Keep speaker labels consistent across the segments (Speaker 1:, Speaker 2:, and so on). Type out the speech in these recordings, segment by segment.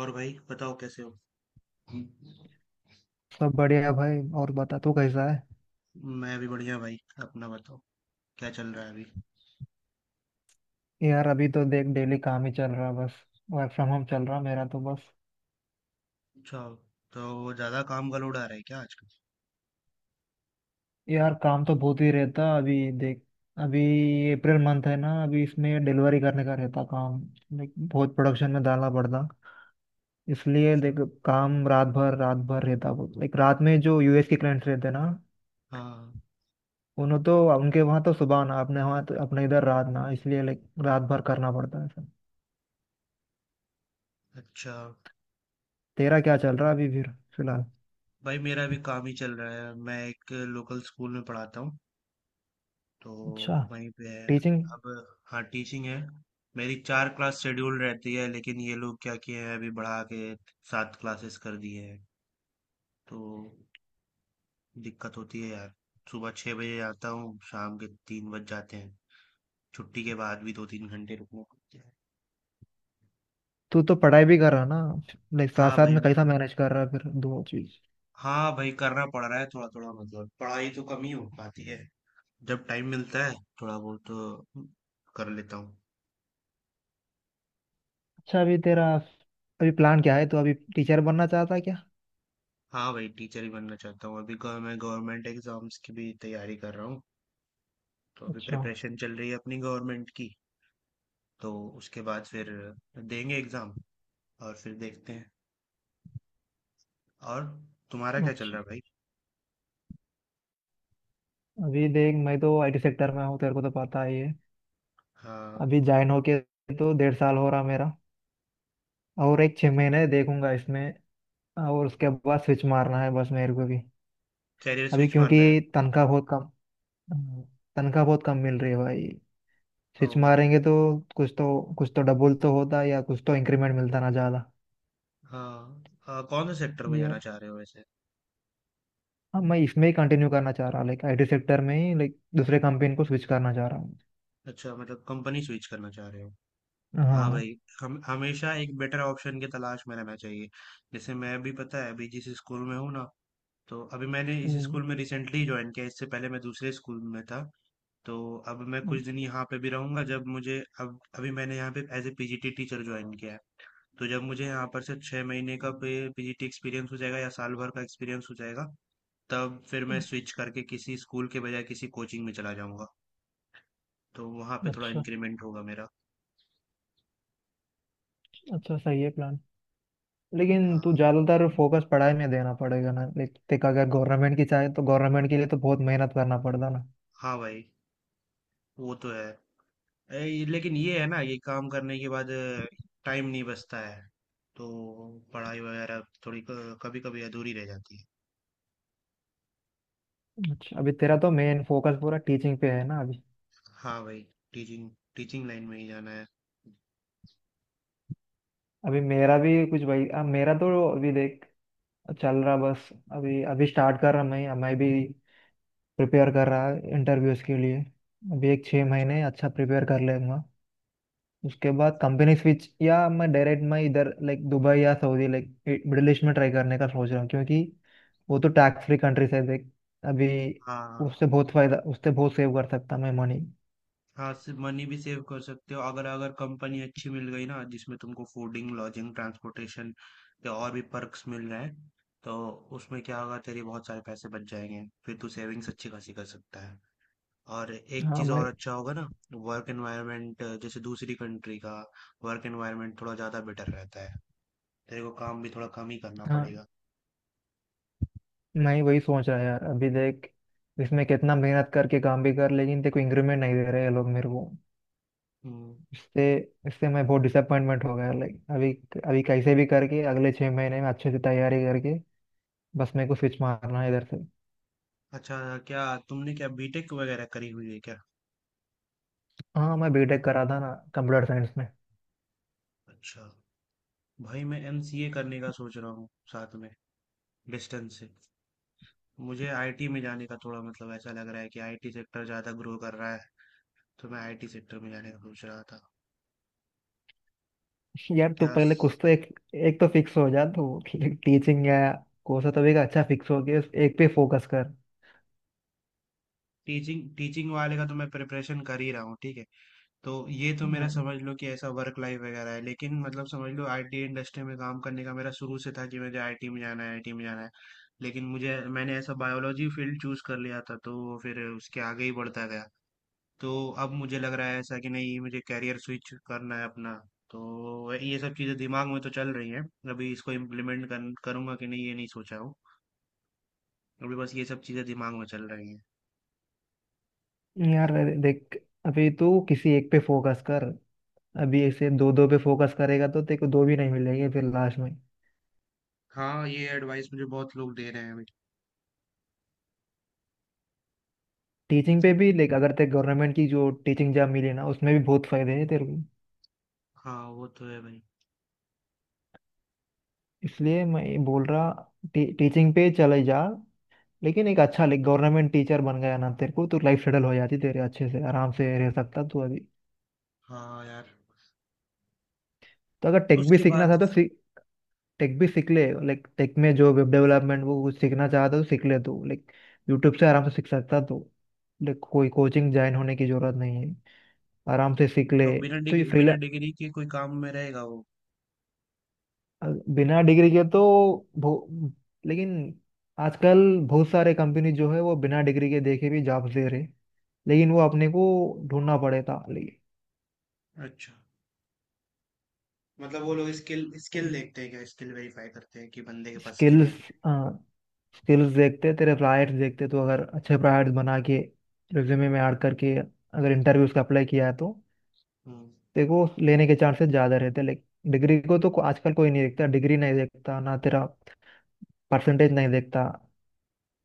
Speaker 1: और भाई बताओ कैसे हो।
Speaker 2: सब बढ़िया भाई। और बता, तू कैसा है?
Speaker 1: मैं भी बढ़िया भाई। अपना बताओ। क्या चल रहा है अभी।
Speaker 2: यार, अभी तो देख, डेली काम ही चल रहा बस। वर्क फ्रॉम होम चल रहा मेरा तो बस।
Speaker 1: अच्छा। तो ज़्यादा काम का लोड आ रहा है क्या आजकल।
Speaker 2: यार काम तो बहुत ही रहता, अभी देख। अभी अप्रैल मंथ है ना, अभी इसमें डिलीवरी करने का रहता काम। लाइक बहुत प्रोडक्शन में डालना पड़ता, इसलिए
Speaker 1: अच्छा।
Speaker 2: देख। काम रात भर रहता बहुत। लाइक रात में जो यूएस के क्लाइंट्स रहते ना,
Speaker 1: हाँ।
Speaker 2: उन्हों तो उनके वहाँ तो सुबह ना, अपने वहाँ तो अपने इधर रात ना, इसलिए लाइक रात भर करना पड़ता है सब।
Speaker 1: अच्छा।
Speaker 2: तेरा क्या चल रहा है अभी फिर, फिलहाल?
Speaker 1: भाई मेरा भी काम ही चल रहा है, मैं एक लोकल स्कूल में पढ़ाता हूँ। तो
Speaker 2: अच्छा।
Speaker 1: वहीं पे है
Speaker 2: टीचिंग।
Speaker 1: अब। हाँ, टीचिंग है। मेरी 4 क्लास शेड्यूल रहती है, लेकिन ये लोग क्या किए हैं अभी, बढ़ा के 7 क्लासेस कर दिए हैं। तो दिक्कत होती है यार। सुबह 6 बजे आता हूँ, शाम के 3 बज जाते हैं। छुट्टी के बाद भी 2-3 घंटे रुकना पड़ता है।
Speaker 2: तू तो पढ़ाई भी कर रहा है ना, लाइक साथ
Speaker 1: हाँ
Speaker 2: साथ
Speaker 1: भाई,
Speaker 2: में कैसा मैनेज कर रहा है फिर दो चीज?
Speaker 1: हाँ भाई, करना पड़ रहा है थोड़ा-थोड़ा। मतलब पढ़ाई तो कम ही हो पाती है। जब टाइम मिलता है थोड़ा बहुत तो कर लेता हूँ।
Speaker 2: अच्छा, अभी तेरा अभी प्लान क्या है? तो अभी टीचर बनना चाहता है क्या?
Speaker 1: हाँ भाई, टीचर ही बनना चाहता हूँ। अभी मैं गवर्नमेंट एग्जाम्स की भी तैयारी कर रहा हूँ। तो अभी
Speaker 2: अच्छा।
Speaker 1: प्रिपरेशन चल रही है अपनी गवर्नमेंट की। तो उसके बाद फिर देंगे एग्जाम और फिर देखते हैं। और तुम्हारा क्या चल रहा
Speaker 2: अच्छा,
Speaker 1: है भाई?
Speaker 2: अभी देख, मैं तो आईटी सेक्टर में हूँ, तेरे को तो पता ही है।
Speaker 1: हाँ,
Speaker 2: अभी ज्वाइन होके तो 1.5 साल हो रहा मेरा। और एक 6 महीने देखूंगा इसमें, और उसके बाद स्विच मारना है बस मेरे को भी।
Speaker 1: कैरियर
Speaker 2: अभी
Speaker 1: स्विच
Speaker 2: क्योंकि
Speaker 1: मारना है।
Speaker 2: तनख्वाह बहुत कम, हम्म, तनख्वाह बहुत कम मिल रही है भाई।
Speaker 1: ओ।
Speaker 2: स्विच मारेंगे तो कुछ तो डबल तो होता है, या कुछ तो इंक्रीमेंट मिलता ना ज्यादा।
Speaker 1: हाँ, कौन से सेक्टर में जाना चाह रहे हो वैसे?
Speaker 2: हाँ मैं इसमें ही कंटिन्यू करना चाह रहा, लाइक आईटी सेक्टर में ही, लाइक दूसरे कंपनी को स्विच करना चाह रहा हूँ।
Speaker 1: अच्छा, मतलब कंपनी स्विच करना चाह रहे हो। हाँ
Speaker 2: हाँ।
Speaker 1: भाई। हम हमेशा एक बेटर ऑप्शन की तलाश में रहना चाहिए। जैसे मैं भी, पता है अभी जिस स्कूल में हूँ ना, तो अभी मैंने इस
Speaker 2: हम्म।
Speaker 1: स्कूल में रिसेंटली ज्वाइन किया, इससे पहले मैं दूसरे स्कूल में था। तो अब मैं कुछ दिन यहाँ पे भी रहूंगा। जब मुझे, अब अभी मैंने यहाँ पे as a PGT teacher join किया है, तो जब मुझे यहाँ पर से 6 महीने का पीजीटी एक्सपीरियंस हो जाएगा या साल भर का एक्सपीरियंस हो जाएगा, तब फिर मैं
Speaker 2: अच्छा।
Speaker 1: स्विच करके किसी स्कूल के बजाय किसी कोचिंग में चला जाऊंगा। तो वहाँ पे थोड़ा
Speaker 2: अच्छा।
Speaker 1: इंक्रीमेंट होगा मेरा।
Speaker 2: अच्छा, सही है प्लान। लेकिन
Speaker 1: हाँ।
Speaker 2: तू ज्यादातर फोकस पढ़ाई में देना पड़ेगा ना, लाइक देख, अगर गवर्नमेंट की चाहे तो गवर्नमेंट के लिए तो बहुत मेहनत करना पड़ता ना।
Speaker 1: हाँ भाई, वो तो है। लेकिन ये है ना, ये काम करने के बाद टाइम नहीं बचता है। तो पढ़ाई वगैरह थोड़ी कभी कभी अधूरी रह जाती है।
Speaker 2: अच्छा, अभी तेरा तो मेन फोकस पूरा टीचिंग पे है ना अभी?
Speaker 1: हाँ भाई। टीचिंग टीचिंग लाइन में ही जाना है।
Speaker 2: अभी मेरा भी कुछ भाई, अब मेरा तो अभी देख चल रहा बस। अभी अभी स्टार्ट कर रहा मैं भी। प्रिपेयर कर रहा इंटरव्यूज के लिए। अभी एक छः
Speaker 1: अच्छा।
Speaker 2: महीने अच्छा प्रिपेयर कर लेगा, उसके बाद कंपनी स्विच। या मैं डायरेक्ट मैं इधर लाइक दुबई या सऊदी, लाइक मिडिल ईस्ट में ट्राई करने का सोच रहा हूँ, क्योंकि वो तो टैक्स फ्री कंट्रीज है देख अभी।
Speaker 1: हाँ।
Speaker 2: उससे बहुत फायदा, उससे बहुत सेव कर सकता मैं मनी।
Speaker 1: हाँ, सिर्फ मनी भी सेव कर सकते हो। अगर अगर कंपनी अच्छी मिल गई ना, जिसमें तुमको फूडिंग लॉजिंग ट्रांसपोर्टेशन या और भी पर्क्स मिल रहे हैं, तो उसमें क्या होगा, तेरे बहुत सारे पैसे बच जाएंगे, फिर तू सेविंग्स अच्छी खासी कर सकता है। और एक
Speaker 2: हाँ
Speaker 1: चीज़ और
Speaker 2: मैं
Speaker 1: अच्छा होगा ना, वर्क एनवायरनमेंट। जैसे दूसरी कंट्री का वर्क एनवायरनमेंट थोड़ा ज़्यादा बेटर रहता है, तेरे को काम भी थोड़ा कम ही करना
Speaker 2: हाँ
Speaker 1: पड़ेगा।
Speaker 2: मैं वही सोच रहा यार, अभी देख। इसमें कितना मेहनत करके काम भी कर, लेकिन देखो इंक्रीमेंट नहीं दे रहे ये लोग मेरे को।
Speaker 1: हम्म।
Speaker 2: इससे इससे मैं बहुत डिसअपॉइंटमेंट हो गया लाइक अभी। अभी कैसे भी करके अगले 6 महीने में अच्छे से तैयारी करके, बस मेरे को स्विच मारना है इधर से।
Speaker 1: अच्छा। क्या, तुमने क्या बीटेक वगैरह करी हुई है क्या?
Speaker 2: हाँ मैं बीटेक करा था ना, कंप्यूटर साइंस में।
Speaker 1: अच्छा। भाई मैं एमसीए करने का सोच रहा हूँ साथ में, डिस्टेंस से। मुझे आईटी में जाने का, थोड़ा मतलब ऐसा लग रहा है कि आईटी सेक्टर ज़्यादा ग्रो कर रहा है। तो मैं आईटी सेक्टर में जाने का सोच रहा था।
Speaker 2: यार तू
Speaker 1: क्या।
Speaker 2: पहले कुछ तो एक, एक तो फिक्स हो जा। तो टीचिंग या कोर्स है तभी का अच्छा, फिक्स हो गया एक पे फोकस कर।
Speaker 1: टीचिंग टीचिंग वाले का तो मैं प्रिपरेशन कर ही रहा हूँ, ठीक है। तो ये तो मेरा
Speaker 2: हाँ।
Speaker 1: समझ लो कि ऐसा वर्क लाइफ वगैरह है। लेकिन मतलब समझ लो, आईटी इंडस्ट्री में काम करने का मेरा शुरू से था कि मुझे आईटी में जाना है, आईटी में जाना है। लेकिन मुझे मैंने ऐसा बायोलॉजी फील्ड चूज कर लिया था, तो फिर उसके आगे ही बढ़ता गया। तो अब मुझे लग रहा है ऐसा कि नहीं, मुझे कैरियर स्विच करना है अपना। तो ये सब चीज़ें दिमाग में तो चल रही हैं। अभी इसको इम्प्लीमेंट करूंगा कि नहीं ये नहीं सोचा हूँ। अभी बस ये सब चीज़ें दिमाग में चल रही हैं।
Speaker 2: यार अरे देख, अभी तू किसी एक पे फोकस कर। अभी ऐसे दो दो पे फोकस करेगा तो तेरे को दो भी नहीं मिलेंगे फिर लास्ट में।
Speaker 1: हाँ, ये एडवाइस मुझे बहुत लोग दे रहे हैं अभी।
Speaker 2: टीचिंग पे भी देख, अगर तेरे गवर्नमेंट की जो टीचिंग जॉब मिली ना, उसमें भी बहुत फायदे हैं तेरे को।
Speaker 1: हाँ वो तो है भाई।
Speaker 2: इसलिए मैं ये बोल रहा, टीचिंग पे चले जा। लेकिन एक अच्छा गवर्नमेंट टीचर बन गया ना तेरे को, तो लाइफ सेटल हो जाती तेरे, अच्छे से आराम से रह सकता तू अभी।
Speaker 1: हाँ यार।
Speaker 2: तो अगर टेक भी
Speaker 1: उसके
Speaker 2: सीखना था
Speaker 1: बाद।
Speaker 2: तो सीख। टेक भी सीख ले, लाइक टेक में जो वेब डेवलपमेंट, वो कुछ सीखना चाहता तो सीख ले तू। लाइक यूट्यूब से आराम से सीख सकता तू। लाइक कोई कोचिंग ज्वाइन होने की जरूरत नहीं है, आराम से सीख ले।
Speaker 1: तो बिना
Speaker 2: तो ये
Speaker 1: डिग्री बिना
Speaker 2: फ्रीला,
Speaker 1: डिग्री के कोई काम में रहेगा वो?
Speaker 2: बिना डिग्री के तो बहु-, लेकिन आजकल बहुत सारे कंपनी जो है वो बिना डिग्री के देखे भी जॉब्स दे रहे, लेकिन वो अपने को ढूंढना पड़ेगा।
Speaker 1: अच्छा। मतलब वो लोग स्किल स्किल देखते हैं क्या, स्किल वेरीफाई करते हैं कि बंदे के पास स्किल है
Speaker 2: स्किल्स
Speaker 1: क्या?
Speaker 2: स्किल्स देखते, तेरे प्रायर्स देखते। तो अगर अच्छे प्रायर्स बना के रिज्यूमे में ऐड करके अगर इंटरव्यूज का अप्लाई किया है तो
Speaker 1: हम्म।
Speaker 2: देखो लेने के चांसेस ज़्यादा रहते हैं। लेकिन डिग्री को तो आजकल कोई नहीं देखता, डिग्री नहीं देखता ना तेरा, परसेंटेज नहीं देखता।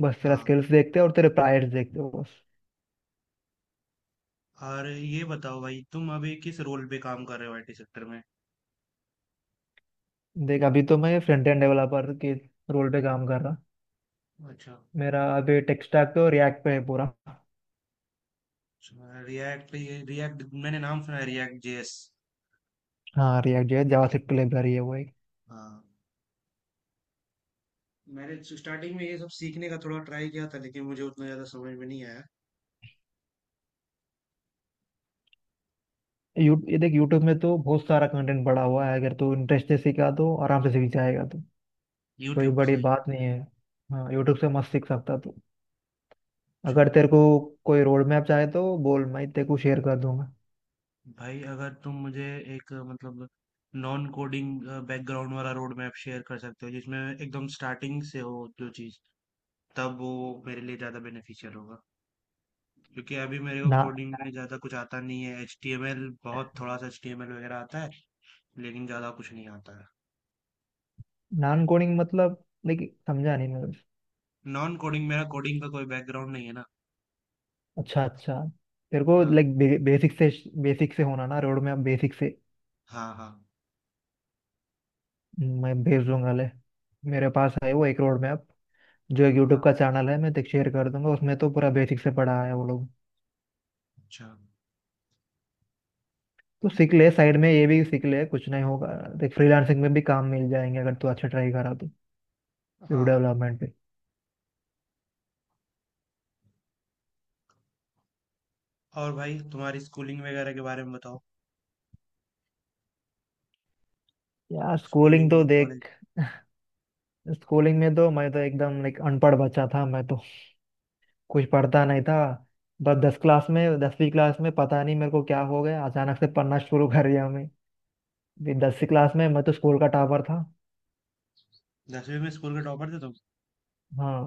Speaker 2: बस तेरा
Speaker 1: हाँ।
Speaker 2: स्किल्स देखते हैं और तेरे प्रायर्स देखते हो बस।
Speaker 1: और ये बताओ भाई, तुम अभी किस रोल पे काम कर रहे हो आईटी सेक्टर में?
Speaker 2: देख अभी तो मैं फ्रंट एंड डेवलपर के रोल पे काम कर रहा।
Speaker 1: अच्छा।
Speaker 2: मेरा अभी टेक स्टैक तो रिएक्ट पे है पूरा।
Speaker 1: रिएक्ट पे, ये रिएक्ट मैंने नाम सुना है, रिएक्ट जेएस।
Speaker 2: हाँ, रिएक्ट जो है जावास्क्रिप्ट लाइब्रेरी है वो।
Speaker 1: हाँ, मैंने स्टार्टिंग में ये सब सीखने का थोड़ा ट्राई किया था, लेकिन मुझे उतना ज्यादा समझ में नहीं आया।
Speaker 2: ये देख यूट्यूब में तो बहुत सारा कंटेंट पड़ा हुआ है, अगर तू इंटरेस्ट से सीखा तो आराम से सीख जाएगा तू, कोई
Speaker 1: यूट्यूब
Speaker 2: बड़ी
Speaker 1: से।
Speaker 2: बात नहीं है। हाँ, यूट्यूब से मस्त सीख सकता तू।
Speaker 1: अच्छा।
Speaker 2: अगर तेरे को कोई रोड मैप चाहे तो बोल, मैं तेरे को शेयर कर दूंगा।
Speaker 1: भाई अगर तुम मुझे एक मतलब नॉन कोडिंग बैकग्राउंड वाला रोड मैप शेयर कर सकते हो जिसमें एकदम स्टार्टिंग से हो जो चीज़, तब वो मेरे लिए ज़्यादा बेनिफिशियल होगा। क्योंकि अभी मेरे को
Speaker 2: ना,
Speaker 1: कोडिंग में ज़्यादा कुछ आता नहीं है। एचटीएमएल, बहुत थोड़ा सा एचटीएमएल वगैरह आता है, लेकिन ज़्यादा कुछ नहीं आता है।
Speaker 2: नॉन कोडिंग मतलब, लाइक, समझा नहीं मैं।
Speaker 1: नॉन कोडिंग, मेरा कोडिंग का कोई बैकग्राउंड नहीं है ना।
Speaker 2: अच्छा अच्छा, तेरे को
Speaker 1: हाँ।
Speaker 2: लाइक बेसिक से, बेसिक से होना ना रोड मैप, बेसिक से
Speaker 1: हाँ। हाँ।
Speaker 2: मैं भेज दूंगा ले, मेरे पास है वो एक रोड मैप। जो एक यूट्यूब
Speaker 1: हाँ।
Speaker 2: का चैनल है मैं तेरे शेयर कर दूंगा, उसमें तो पूरा बेसिक से पढ़ा है वो लोग।
Speaker 1: अच्छा।
Speaker 2: तो सीख ले साइड में ये भी सीख ले, कुछ नहीं होगा। देख फ्रीलांसिंग में भी काम मिल जाएंगे अगर तू अच्छा ट्राई करा तो, वेब
Speaker 1: हाँ।
Speaker 2: डेवलपमेंट पे।
Speaker 1: और भाई तुम्हारी स्कूलिंग वगैरह के बारे में बताओ।
Speaker 2: यार स्कूलिंग
Speaker 1: स्कूलिंग
Speaker 2: तो
Speaker 1: और कॉलेज।
Speaker 2: देख, स्कूलिंग में तो मैं तो एकदम लाइक अनपढ़ बच्चा था मैं तो, कुछ पढ़ता नहीं था बस। 10 क्लास में 10वीं क्लास में पता नहीं मेरे को क्या हो गया, अचानक से पढ़ना शुरू कर दिया मैं भी। 10वीं क्लास में मैं तो स्कूल का टॉपर था।
Speaker 1: 10वीं में स्कूल के टॉपर थे तुम?
Speaker 2: हाँ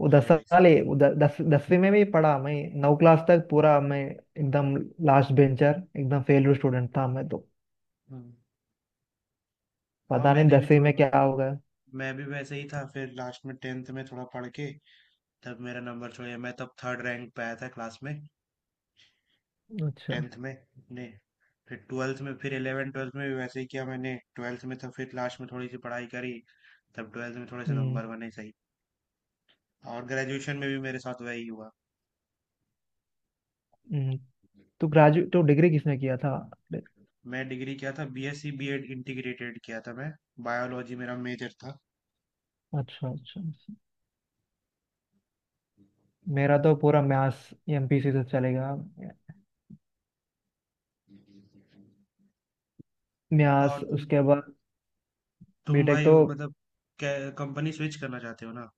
Speaker 2: वो दस
Speaker 1: अरे भाई
Speaker 2: साल ही
Speaker 1: सही।
Speaker 2: वो 10 10वीं में भी पढ़ा मैं। 9 क्लास तक पूरा मैं एकदम लास्ट बेंचर, एकदम फेल स्टूडेंट था मैं तो,
Speaker 1: हाँ
Speaker 2: पता नहीं
Speaker 1: मैंने भी
Speaker 2: 10वीं
Speaker 1: थोड़ा,
Speaker 2: में क्या
Speaker 1: मतलब
Speaker 2: होगा।
Speaker 1: मैं भी वैसे ही था। फिर लास्ट में 10th में थोड़ा पढ़ के, तब मेरा नंबर थोड़ा, मैं तब थर्ड रैंक पे आया था क्लास में,
Speaker 2: अच्छा।
Speaker 1: 10th में। ने, फिर 12th में, फिर 11 12th में भी वैसे ही किया मैंने। 12th में तो फिर लास्ट में थोड़ी सी पढ़ाई करी, तब 12th में थोड़े से
Speaker 2: हम्म।
Speaker 1: नंबर बने सही। और ग्रेजुएशन में भी मेरे साथ वही हुआ।
Speaker 2: हम्म तो ग्रेजुएट तो डिग्री किसने किया था?
Speaker 1: मैं डिग्री किया था, बीएससी बीएड इंटीग्रेटेड किया था मैं, बायोलॉजी मेरा मेजर था।
Speaker 2: अच्छा अच्छा। अच्छा। मेरा तो पूरा म्यास एमपीसी से चलेगा।
Speaker 1: और
Speaker 2: म्यास
Speaker 1: तुम
Speaker 2: उसके बाद
Speaker 1: तुम
Speaker 2: बीटेक
Speaker 1: भाई
Speaker 2: तो।
Speaker 1: वो मतलब कंपनी स्विच करना चाहते हो ना?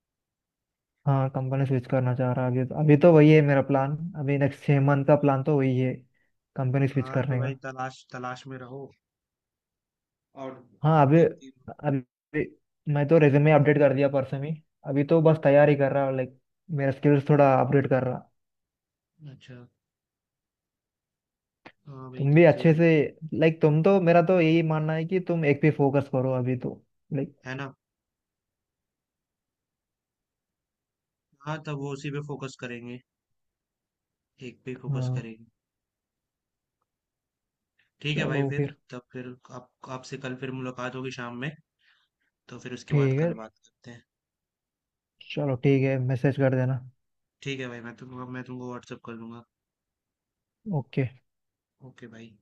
Speaker 2: हाँ कंपनी स्विच करना चाह रहा है अभी तो, अभी तो वही है मेरा प्लान। अभी नेक्स्ट छः
Speaker 1: हाँ
Speaker 2: मंथ
Speaker 1: तो
Speaker 2: का
Speaker 1: भाई,
Speaker 2: प्लान तो वही है, कंपनी स्विच
Speaker 1: हाँ तो
Speaker 2: करने
Speaker 1: भाई,
Speaker 2: का।
Speaker 1: तलाश तलाश में रहो और
Speaker 2: हाँ, अभी
Speaker 1: देखते
Speaker 2: अभी मैं तो रेज्यूमे अपडेट
Speaker 1: रहो।
Speaker 2: कर दिया परसों ही। अभी तो बस तैयारी कर रहा हूँ, लाइक मेरा स्किल्स थोड़ा अपडेट कर रहा।
Speaker 1: अच्छा। हाँ भाई,
Speaker 2: तुम भी
Speaker 1: तब तो
Speaker 2: अच्छे
Speaker 1: यार,
Speaker 2: से लाइक, तुम तो, मेरा तो यही मानना है कि तुम एक पे फोकस करो अभी तो, लाइक।
Speaker 1: है ना। हाँ, तब वो उसी पे फोकस करेंगे, एक पे फोकस
Speaker 2: हाँ।
Speaker 1: करेंगे। ठीक है भाई,
Speaker 2: चलो
Speaker 1: फिर
Speaker 2: फिर
Speaker 1: तब फिर, आप आपसे कल फिर मुलाकात होगी शाम में, तो फिर उसके बाद
Speaker 2: ठीक
Speaker 1: कल
Speaker 2: है,
Speaker 1: बात करते हैं।
Speaker 2: चलो ठीक है, मैसेज कर देना।
Speaker 1: ठीक है भाई, मैं तुमको व्हाट्सअप कर दूंगा।
Speaker 2: ओके।
Speaker 1: ओके भाई।